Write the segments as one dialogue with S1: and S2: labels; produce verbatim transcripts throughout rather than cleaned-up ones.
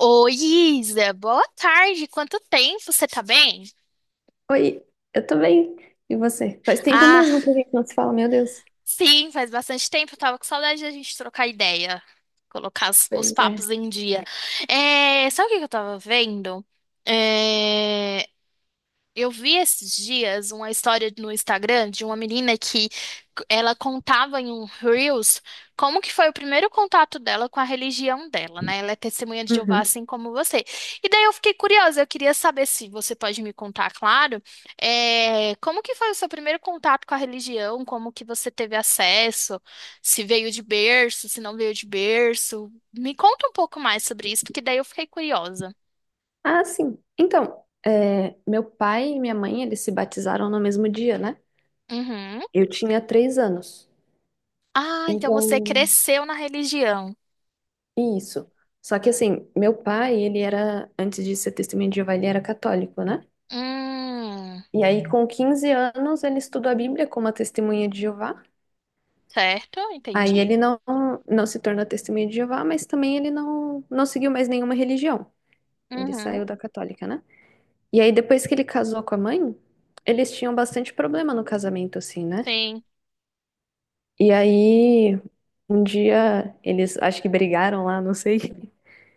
S1: Oi, Isa, boa tarde. Quanto tempo? Você tá bem?
S2: Oi, eu tô bem. E você? Faz tempo
S1: Ah,
S2: mesmo que a gente não se fala, meu Deus.
S1: sim, faz bastante tempo. Eu tava com saudade da gente trocar ideia, colocar as- os,
S2: Pois é.
S1: papos em dia. É, sabe o que que eu tava vendo? É, Eu vi esses dias uma história no Instagram de uma menina que ela contava em um Reels como que foi o primeiro contato dela com a religião dela, né? Ela é testemunha de Jeová,
S2: Uhum.
S1: assim como você. E daí eu fiquei curiosa, eu queria saber se você pode me contar, claro, eh, como que foi o seu primeiro contato com a religião, como que você teve acesso, se veio de berço, se não veio de berço. Me conta um pouco mais sobre isso, porque daí eu fiquei curiosa.
S2: Ah, sim. Então, é, meu pai e minha mãe, eles se batizaram no mesmo dia, né?
S1: Uhum.
S2: Eu tinha três anos.
S1: Ah, então você
S2: Então,
S1: cresceu na religião.
S2: isso. Só que assim, meu pai, ele era, antes de ser testemunha de Jeová, ele era católico, né?
S1: Hum,
S2: E aí, com quinze anos, ele estudou a Bíblia como a testemunha de Jeová.
S1: certo,
S2: Aí
S1: entendi.
S2: ele não, não se tornou testemunha de Jeová, mas também ele não, não seguiu mais nenhuma religião. Ele saiu
S1: Uhum,
S2: da católica, né? E aí, depois que ele casou com a mãe, eles tinham bastante problema no casamento, assim, né?
S1: sim.
S2: E aí, um dia, eles acho que brigaram lá, não sei.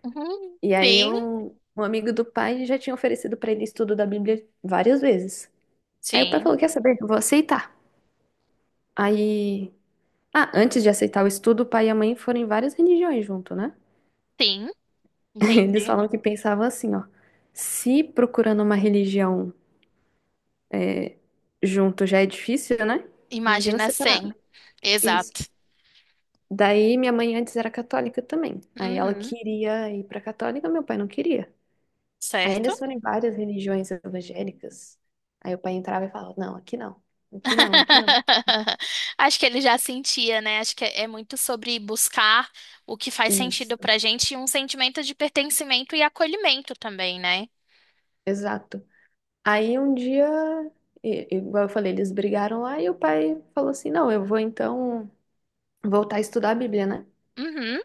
S1: Uhum,
S2: E aí,
S1: sim,
S2: um, um amigo do pai já tinha oferecido pra ele estudo da Bíblia várias vezes. Aí o pai
S1: sim,
S2: falou: "Quer saber? Eu vou aceitar". Aí. Ah, antes de aceitar o estudo, o pai e a mãe foram em várias religiões junto, né?
S1: sim,
S2: Eles
S1: entendi.
S2: falam que pensavam assim, ó. Se procurando uma religião junto já é difícil, né? Imagina
S1: Imagina
S2: separado.
S1: cem.
S2: Isso.
S1: Exato.
S2: Daí minha mãe antes era católica também. Aí ela
S1: Uhum,
S2: queria ir para católica, meu pai não queria. Aí eles
S1: certo.
S2: foram em várias religiões evangélicas. Aí o pai entrava e falava: "Não, aqui não. Aqui não, aqui não".
S1: Acho que ele já sentia, né? Acho que é é muito sobre buscar o que faz sentido
S2: Isso,
S1: pra gente e um sentimento de pertencimento e acolhimento também, né?
S2: exato. Aí um dia, i- igual eu falei, eles brigaram lá e o pai falou assim: "Não, eu vou então voltar a estudar a Bíblia, né?".
S1: Uhum,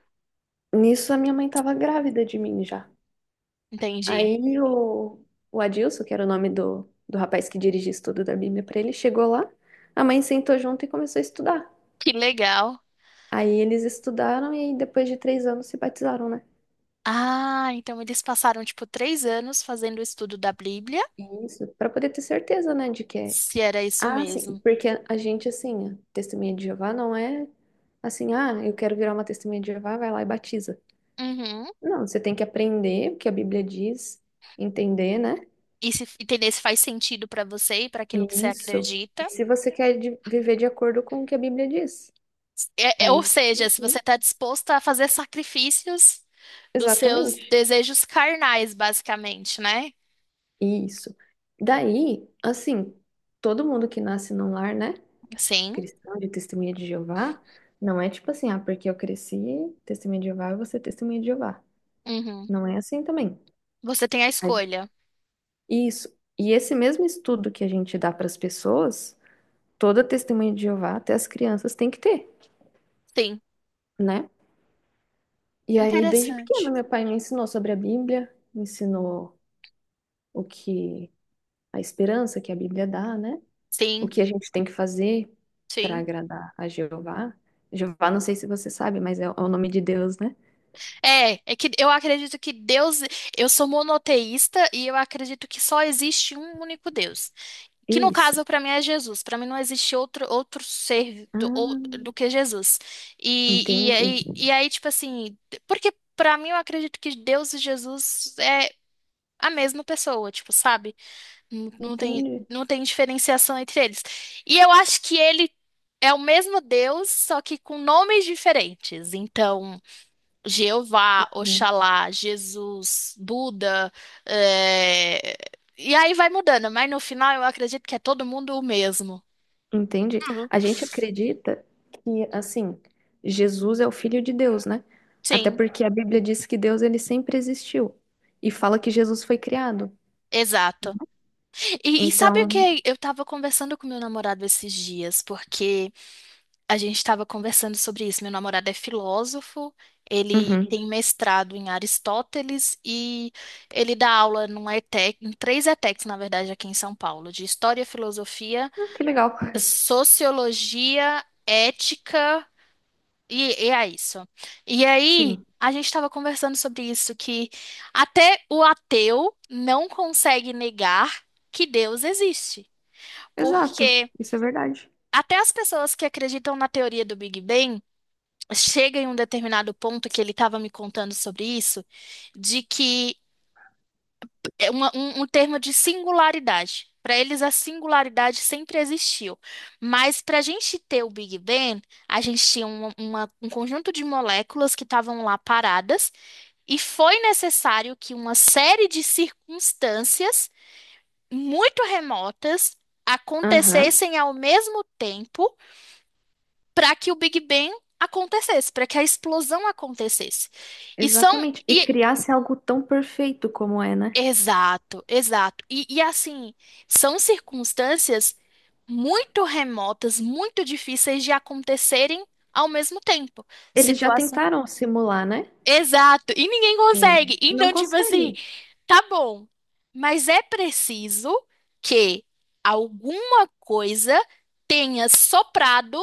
S2: Nisso a minha mãe estava grávida de mim já.
S1: entendi.
S2: Aí o, o Adilson, que era o nome do, do rapaz que dirigia o estudo da Bíblia para ele, chegou lá, a mãe sentou junto e começou a estudar.
S1: Que legal.
S2: Aí eles estudaram e depois de três anos se batizaram, né?
S1: Ah, então eles passaram tipo três anos fazendo o estudo da Bíblia,
S2: Isso, para poder ter certeza, né, de que é.
S1: se era isso
S2: Ah, sim,
S1: mesmo.
S2: porque a gente, assim, a testemunha de Jeová não é assim: "Ah, eu quero virar uma testemunha de Jeová", vai lá e batiza.
S1: Uhum.
S2: Não, você tem que aprender o que a Bíblia diz, entender, né?
S1: E se entender se faz sentido pra você e pra aquilo que você
S2: E isso. E
S1: acredita.
S2: se você quer de- viver de acordo com o que a Bíblia diz,
S1: É- é-
S2: aí
S1: ou
S2: sim,
S1: seja, se você
S2: sim,
S1: está disposta a fazer sacrifícios dos seus
S2: exatamente.
S1: desejos carnais, basicamente, né?
S2: Isso. Daí, assim, todo mundo que nasce num lar, né,
S1: Sim.
S2: cristão, de testemunha de Jeová, não é tipo assim: "Ah, porque eu cresci testemunha de Jeová, eu vou ser testemunha de Jeová".
S1: Uhum.
S2: Não é assim também.
S1: Você tem a
S2: A gen-
S1: escolha.
S2: Isso. E esse mesmo estudo que a gente dá para as pessoas, toda testemunha de Jeová, até as crianças, tem que ter,
S1: Sim.
S2: né? E aí, desde pequena,
S1: Interessante.
S2: meu pai me ensinou sobre a Bíblia, me ensinou o que a esperança que a Bíblia dá, né? O
S1: Sim,
S2: que a gente tem que fazer para
S1: sim.
S2: agradar a Jeová? Jeová, não sei se você sabe, mas é o é o nome de Deus, né?
S1: É, é que eu acredito que Deus, eu sou monoteísta e eu acredito que só existe um único Deus. Que no
S2: Isso.
S1: caso, para mim, é Jesus. Para mim, não existe outro, outro ser do, ou-
S2: Ah,
S1: do que Jesus. E, e,
S2: entendi.
S1: aí, e aí, tipo assim, porque para mim eu acredito que Deus e Jesus é a mesma pessoa, tipo, sabe? Não, não tem,
S2: Entendi.
S1: não tem diferenciação entre eles. E eu acho que ele é o mesmo Deus, só que com nomes diferentes. Então. Jeová,
S2: Uhum.
S1: Oxalá, Jesus, Buda, é, e aí vai mudando, mas no final eu acredito que é todo mundo o mesmo.
S2: Entendi.
S1: Uhum.
S2: A gente acredita que, assim, Jesus é o Filho de Deus, né? Até
S1: Sim,
S2: porque a Bíblia diz que Deus ele sempre existiu e fala que Jesus foi criado.
S1: exato. E, e sabe o
S2: Então,
S1: que? Eu tava conversando com meu namorado esses dias, porque a gente tava conversando sobre isso. Meu namorado é filósofo, ele
S2: uhum.
S1: tem mestrado em Aristóteles e ele dá aula numa ETEC, em três ETECs, na verdade, aqui em São Paulo, de História, Filosofia,
S2: Ah, que legal.
S1: sociologia, ética, e, e é isso. E aí,
S2: Sim,
S1: a gente estava conversando sobre isso, que até o ateu não consegue negar que Deus existe.
S2: exato.
S1: Porque
S2: Isso é verdade.
S1: até as pessoas que acreditam na teoria do Big Bang chegam em um determinado ponto que ele estava me contando sobre isso, de que é uma- um, um termo de singularidade. Para eles, a singularidade sempre existiu. Mas para a gente ter o Big Bang, a gente tinha um uma- um conjunto de moléculas que estavam lá paradas, e foi necessário que uma série de circunstâncias muito remotas
S2: Aham,
S1: acontecessem ao mesmo tempo para que o Big Bang acontecesse, para que a explosão acontecesse. E são.
S2: exatamente. E criar-se algo tão perfeito como é, né?
S1: Exato, exato. E, e assim, são circunstâncias muito remotas, muito difíceis de acontecerem ao mesmo tempo.
S2: Eles já
S1: Situação.
S2: tentaram simular, né?
S1: Exato. E ninguém consegue.
S2: Sim. Não
S1: Então, tipo assim,
S2: consegue.
S1: tá bom, mas é preciso que alguma coisa tenha soprado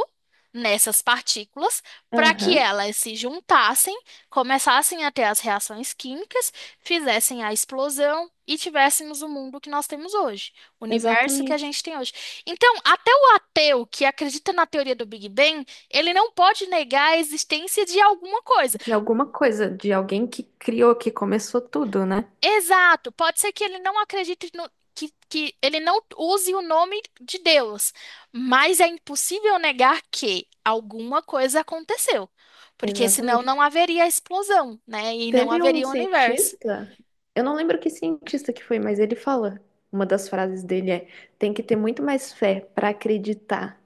S1: nessas partículas para que
S2: Aham,
S1: elas se juntassem, começassem a ter as reações químicas, fizessem a explosão e tivéssemos o mundo que nós temos hoje, o universo que a
S2: exatamente.
S1: gente tem hoje. Então, até o ateu que acredita na teoria do Big Bang, ele não pode negar a existência de alguma coisa.
S2: De alguma coisa, de alguém que criou, que começou tudo, né?
S1: Exato, pode ser que ele não acredite no, que, que ele não use o nome de Deus, mas é impossível negar que alguma coisa aconteceu, porque senão
S2: Exatamente.
S1: não haveria explosão, né? E não
S2: Teve um
S1: haveria universo.
S2: cientista, eu não lembro que cientista que foi, mas ele fala, uma das frases dele é: tem que ter muito mais fé para acreditar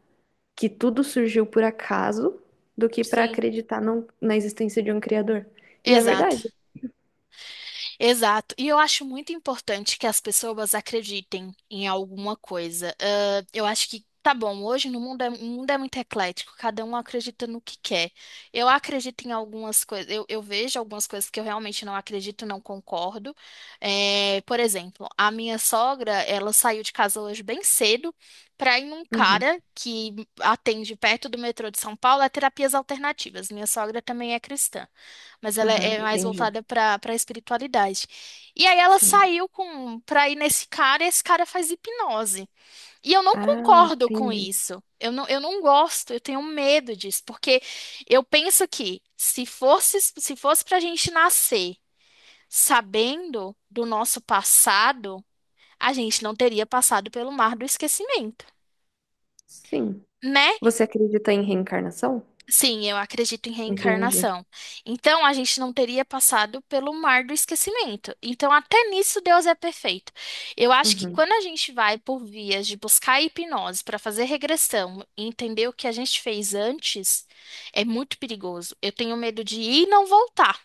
S2: que tudo surgiu por acaso do que para
S1: Sim.
S2: acreditar num- na existência de um criador. E é
S1: Exato.
S2: verdade.
S1: Exato. E eu acho muito importante que as pessoas acreditem em alguma coisa. Ah, eu acho que tá bom, hoje no mundo é, o mundo é muito eclético, cada um acredita no que quer. Eu acredito em algumas coisas, eu, eu vejo algumas coisas que eu realmente não acredito, não concordo. É, por exemplo, a minha sogra, ela saiu de casa hoje bem cedo para ir num
S2: Uhum,
S1: cara que atende perto do metrô de São Paulo a terapias alternativas. Minha sogra também é cristã, mas ela é
S2: aham,
S1: é mais
S2: entendi.
S1: voltada para para espiritualidade. E aí ela
S2: Sim.
S1: saiu com para ir nesse cara e esse cara faz hipnose. E eu não
S2: Ah,
S1: concordo com
S2: entendi.
S1: isso. Eu não, eu não gosto, eu tenho medo disso, porque eu penso que se fosse se fosse para a gente nascer sabendo do nosso passado, a gente não teria passado pelo mar do esquecimento,
S2: Sim.
S1: né?
S2: Você acredita em reencarnação?
S1: Sim, eu acredito em
S2: Entendi.
S1: reencarnação. Então, a gente não teria passado pelo mar do esquecimento. Então, até nisso, Deus é perfeito. Eu acho que
S2: Uhum.
S1: quando a gente vai por vias de buscar a hipnose para fazer regressão e entender o que a gente fez antes, é muito perigoso. Eu tenho medo de ir e não voltar,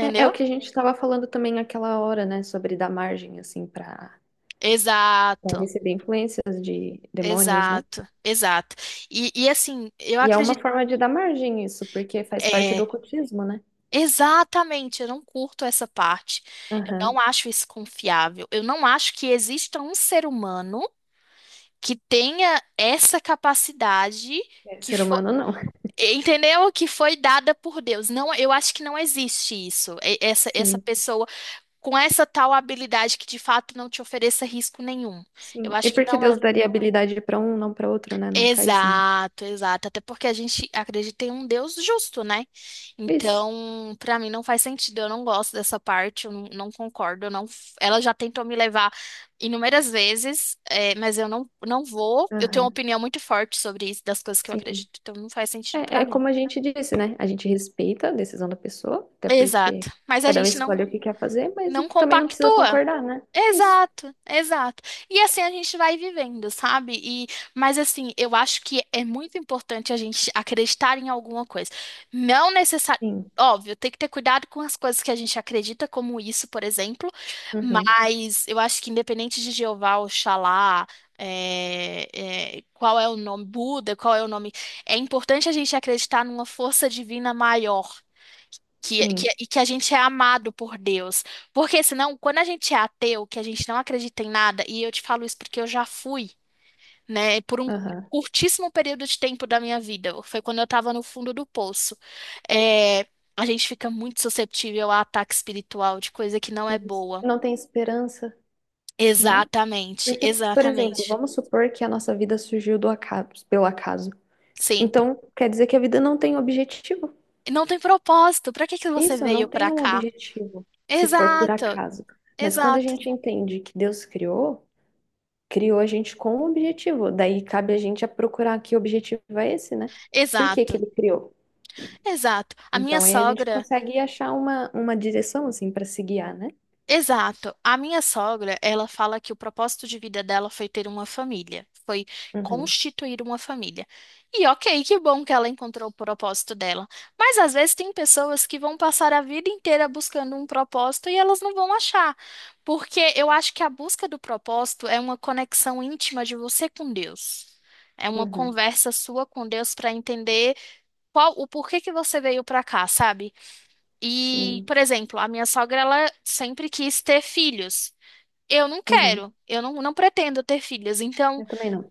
S2: É, é o que a gente estava falando também naquela hora, né? Sobre dar margem, assim, para
S1: Exato,
S2: receber influências de demônios, né?
S1: exato, exato. E, e assim, eu
S2: E é uma
S1: acredito.
S2: forma de dar margem isso, porque faz parte do
S1: é,
S2: ocultismo, né?
S1: Exatamente, eu não curto essa parte. Eu
S2: Aham.
S1: não acho isso confiável. Eu não acho que exista um ser humano que tenha essa capacidade
S2: É,
S1: que
S2: ser
S1: foi,
S2: humano não.
S1: entendeu? Que foi dada por Deus. Não, eu acho que não existe isso. E- Essa essa
S2: Sim,
S1: pessoa com essa tal habilidade que de fato não te ofereça risco nenhum. Eu
S2: sim. E
S1: acho que
S2: por que
S1: não é.
S2: Deus daria habilidade para um, não para outro, né? Não faz um.
S1: Exato, exato. Até porque a gente acredita em um Deus justo, né?
S2: Isso.
S1: Então, pra mim não faz sentido. Eu não gosto dessa parte, eu não, não concordo. Eu não, ela já tentou me levar inúmeras vezes, é, mas eu não, não vou. Eu tenho uma
S2: Aham.
S1: opinião muito forte sobre isso, das coisas que eu
S2: Sim.
S1: acredito, então não faz sentido
S2: É,
S1: pra
S2: é
S1: mim.
S2: como a gente disse, né? A gente respeita a decisão da pessoa, até porque
S1: Exato. Mas a
S2: cada um
S1: gente não,
S2: escolhe o que quer fazer, mas
S1: não
S2: também não precisa
S1: compactua.
S2: concordar, né? Isso.
S1: Exato, exato. E assim a gente vai vivendo, sabe? E, mas assim, eu acho que é muito importante a gente acreditar em alguma coisa. Não necessariamente.
S2: Sim.
S1: Óbvio, tem que ter cuidado com as coisas que a gente acredita, como isso, por exemplo.
S2: Uhum.
S1: Mas eu acho que independente de Jeová, Oxalá, é, é, qual é o nome, Buda, qual é o nome, é importante a gente acreditar numa força divina maior. Que, que,
S2: Sim.
S1: e que a gente é amado por Deus. Porque senão, quando a gente é ateu, que a gente não acredita em nada, e eu te falo isso porque eu já fui, né, por um
S2: Aham.
S1: curtíssimo período de tempo da minha vida, foi quando eu estava no fundo do poço. É, a gente fica muito susceptível a ataque espiritual de coisa que não é
S2: Isso.
S1: boa.
S2: Não tem esperança, né?
S1: Exatamente,
S2: Porque, por exemplo,
S1: exatamente.
S2: vamos supor que a nossa vida surgiu do acaso, pelo acaso.
S1: Sim.
S2: Então, quer dizer que a vida não tem objetivo.
S1: Não tem propósito. Pra que que você
S2: Isso,
S1: veio
S2: não
S1: pra
S2: tem um
S1: cá?
S2: objetivo, se for por
S1: Exato,
S2: acaso. Mas quando a
S1: exato,
S2: gente entende que Deus criou, criou a gente com um objetivo. Daí cabe a gente a procurar que objetivo é esse, né? Por que que
S1: exato,
S2: ele criou?
S1: exato. A minha
S2: Então aí a gente
S1: sogra.
S2: consegue achar uma, uma direção assim para se guiar, né?
S1: Exato. A minha sogra, ela fala que o propósito de vida dela foi ter uma família, foi
S2: Uhum,
S1: constituir uma família. E ok, que bom que ela encontrou o propósito dela. Mas às vezes tem pessoas que vão passar a vida inteira buscando um propósito e elas não vão achar. Porque eu acho que a busca do propósito é uma conexão íntima de você com Deus. É uma
S2: uhum,
S1: conversa sua com Deus para entender qual o porquê que você veio para cá, sabe? E,
S2: sim.
S1: por exemplo, a minha sogra, ela sempre quis ter filhos. Eu não
S2: Uhum.
S1: quero, eu não, não pretendo ter filhos. Então,
S2: Eu também não.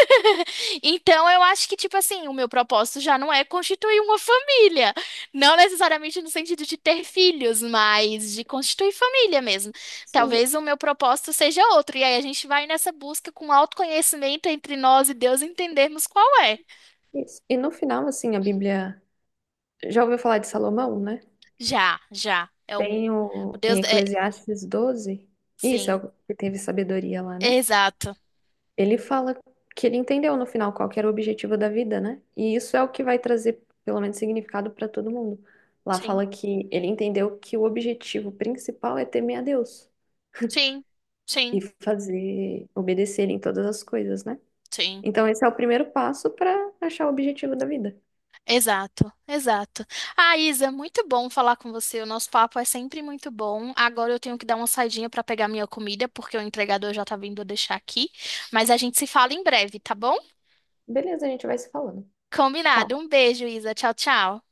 S1: então eu acho que, tipo assim, o meu propósito já não é constituir uma família. Não necessariamente no sentido de ter filhos, mas de constituir família mesmo.
S2: Sim.
S1: Talvez o meu propósito seja outro. E aí a gente vai nessa busca com autoconhecimento entre nós e Deus entendermos qual é.
S2: Isso. E no final, assim, a Bíblia, já ouviu falar de Salomão, né?
S1: Já, já. É o,
S2: Tem
S1: o
S2: o em
S1: Deus. É,
S2: Eclesiastes doze. Isso é
S1: sim,
S2: o que teve sabedoria lá, né?
S1: exato.
S2: Ele fala que ele entendeu no final qual que era o objetivo da vida, né? E isso é o que vai trazer, pelo menos, significado para todo mundo. Lá
S1: Sim.
S2: fala que ele entendeu que o objetivo principal é temer a Deus
S1: Sim, sim,
S2: e fazer obedecer ele em todas as coisas, né?
S1: sim.
S2: Então, esse é o primeiro passo para achar o objetivo da vida.
S1: Exato, exato. Ah, Isa, muito bom falar com você. O nosso papo é sempre muito bom. Agora eu tenho que dar uma saidinha para pegar minha comida, porque o entregador já tá vindo deixar aqui. Mas a gente se fala em breve, tá bom?
S2: Beleza, a gente vai se falando.
S1: Combinado.
S2: Tchau.
S1: Um beijo, Isa. Tchau, tchau.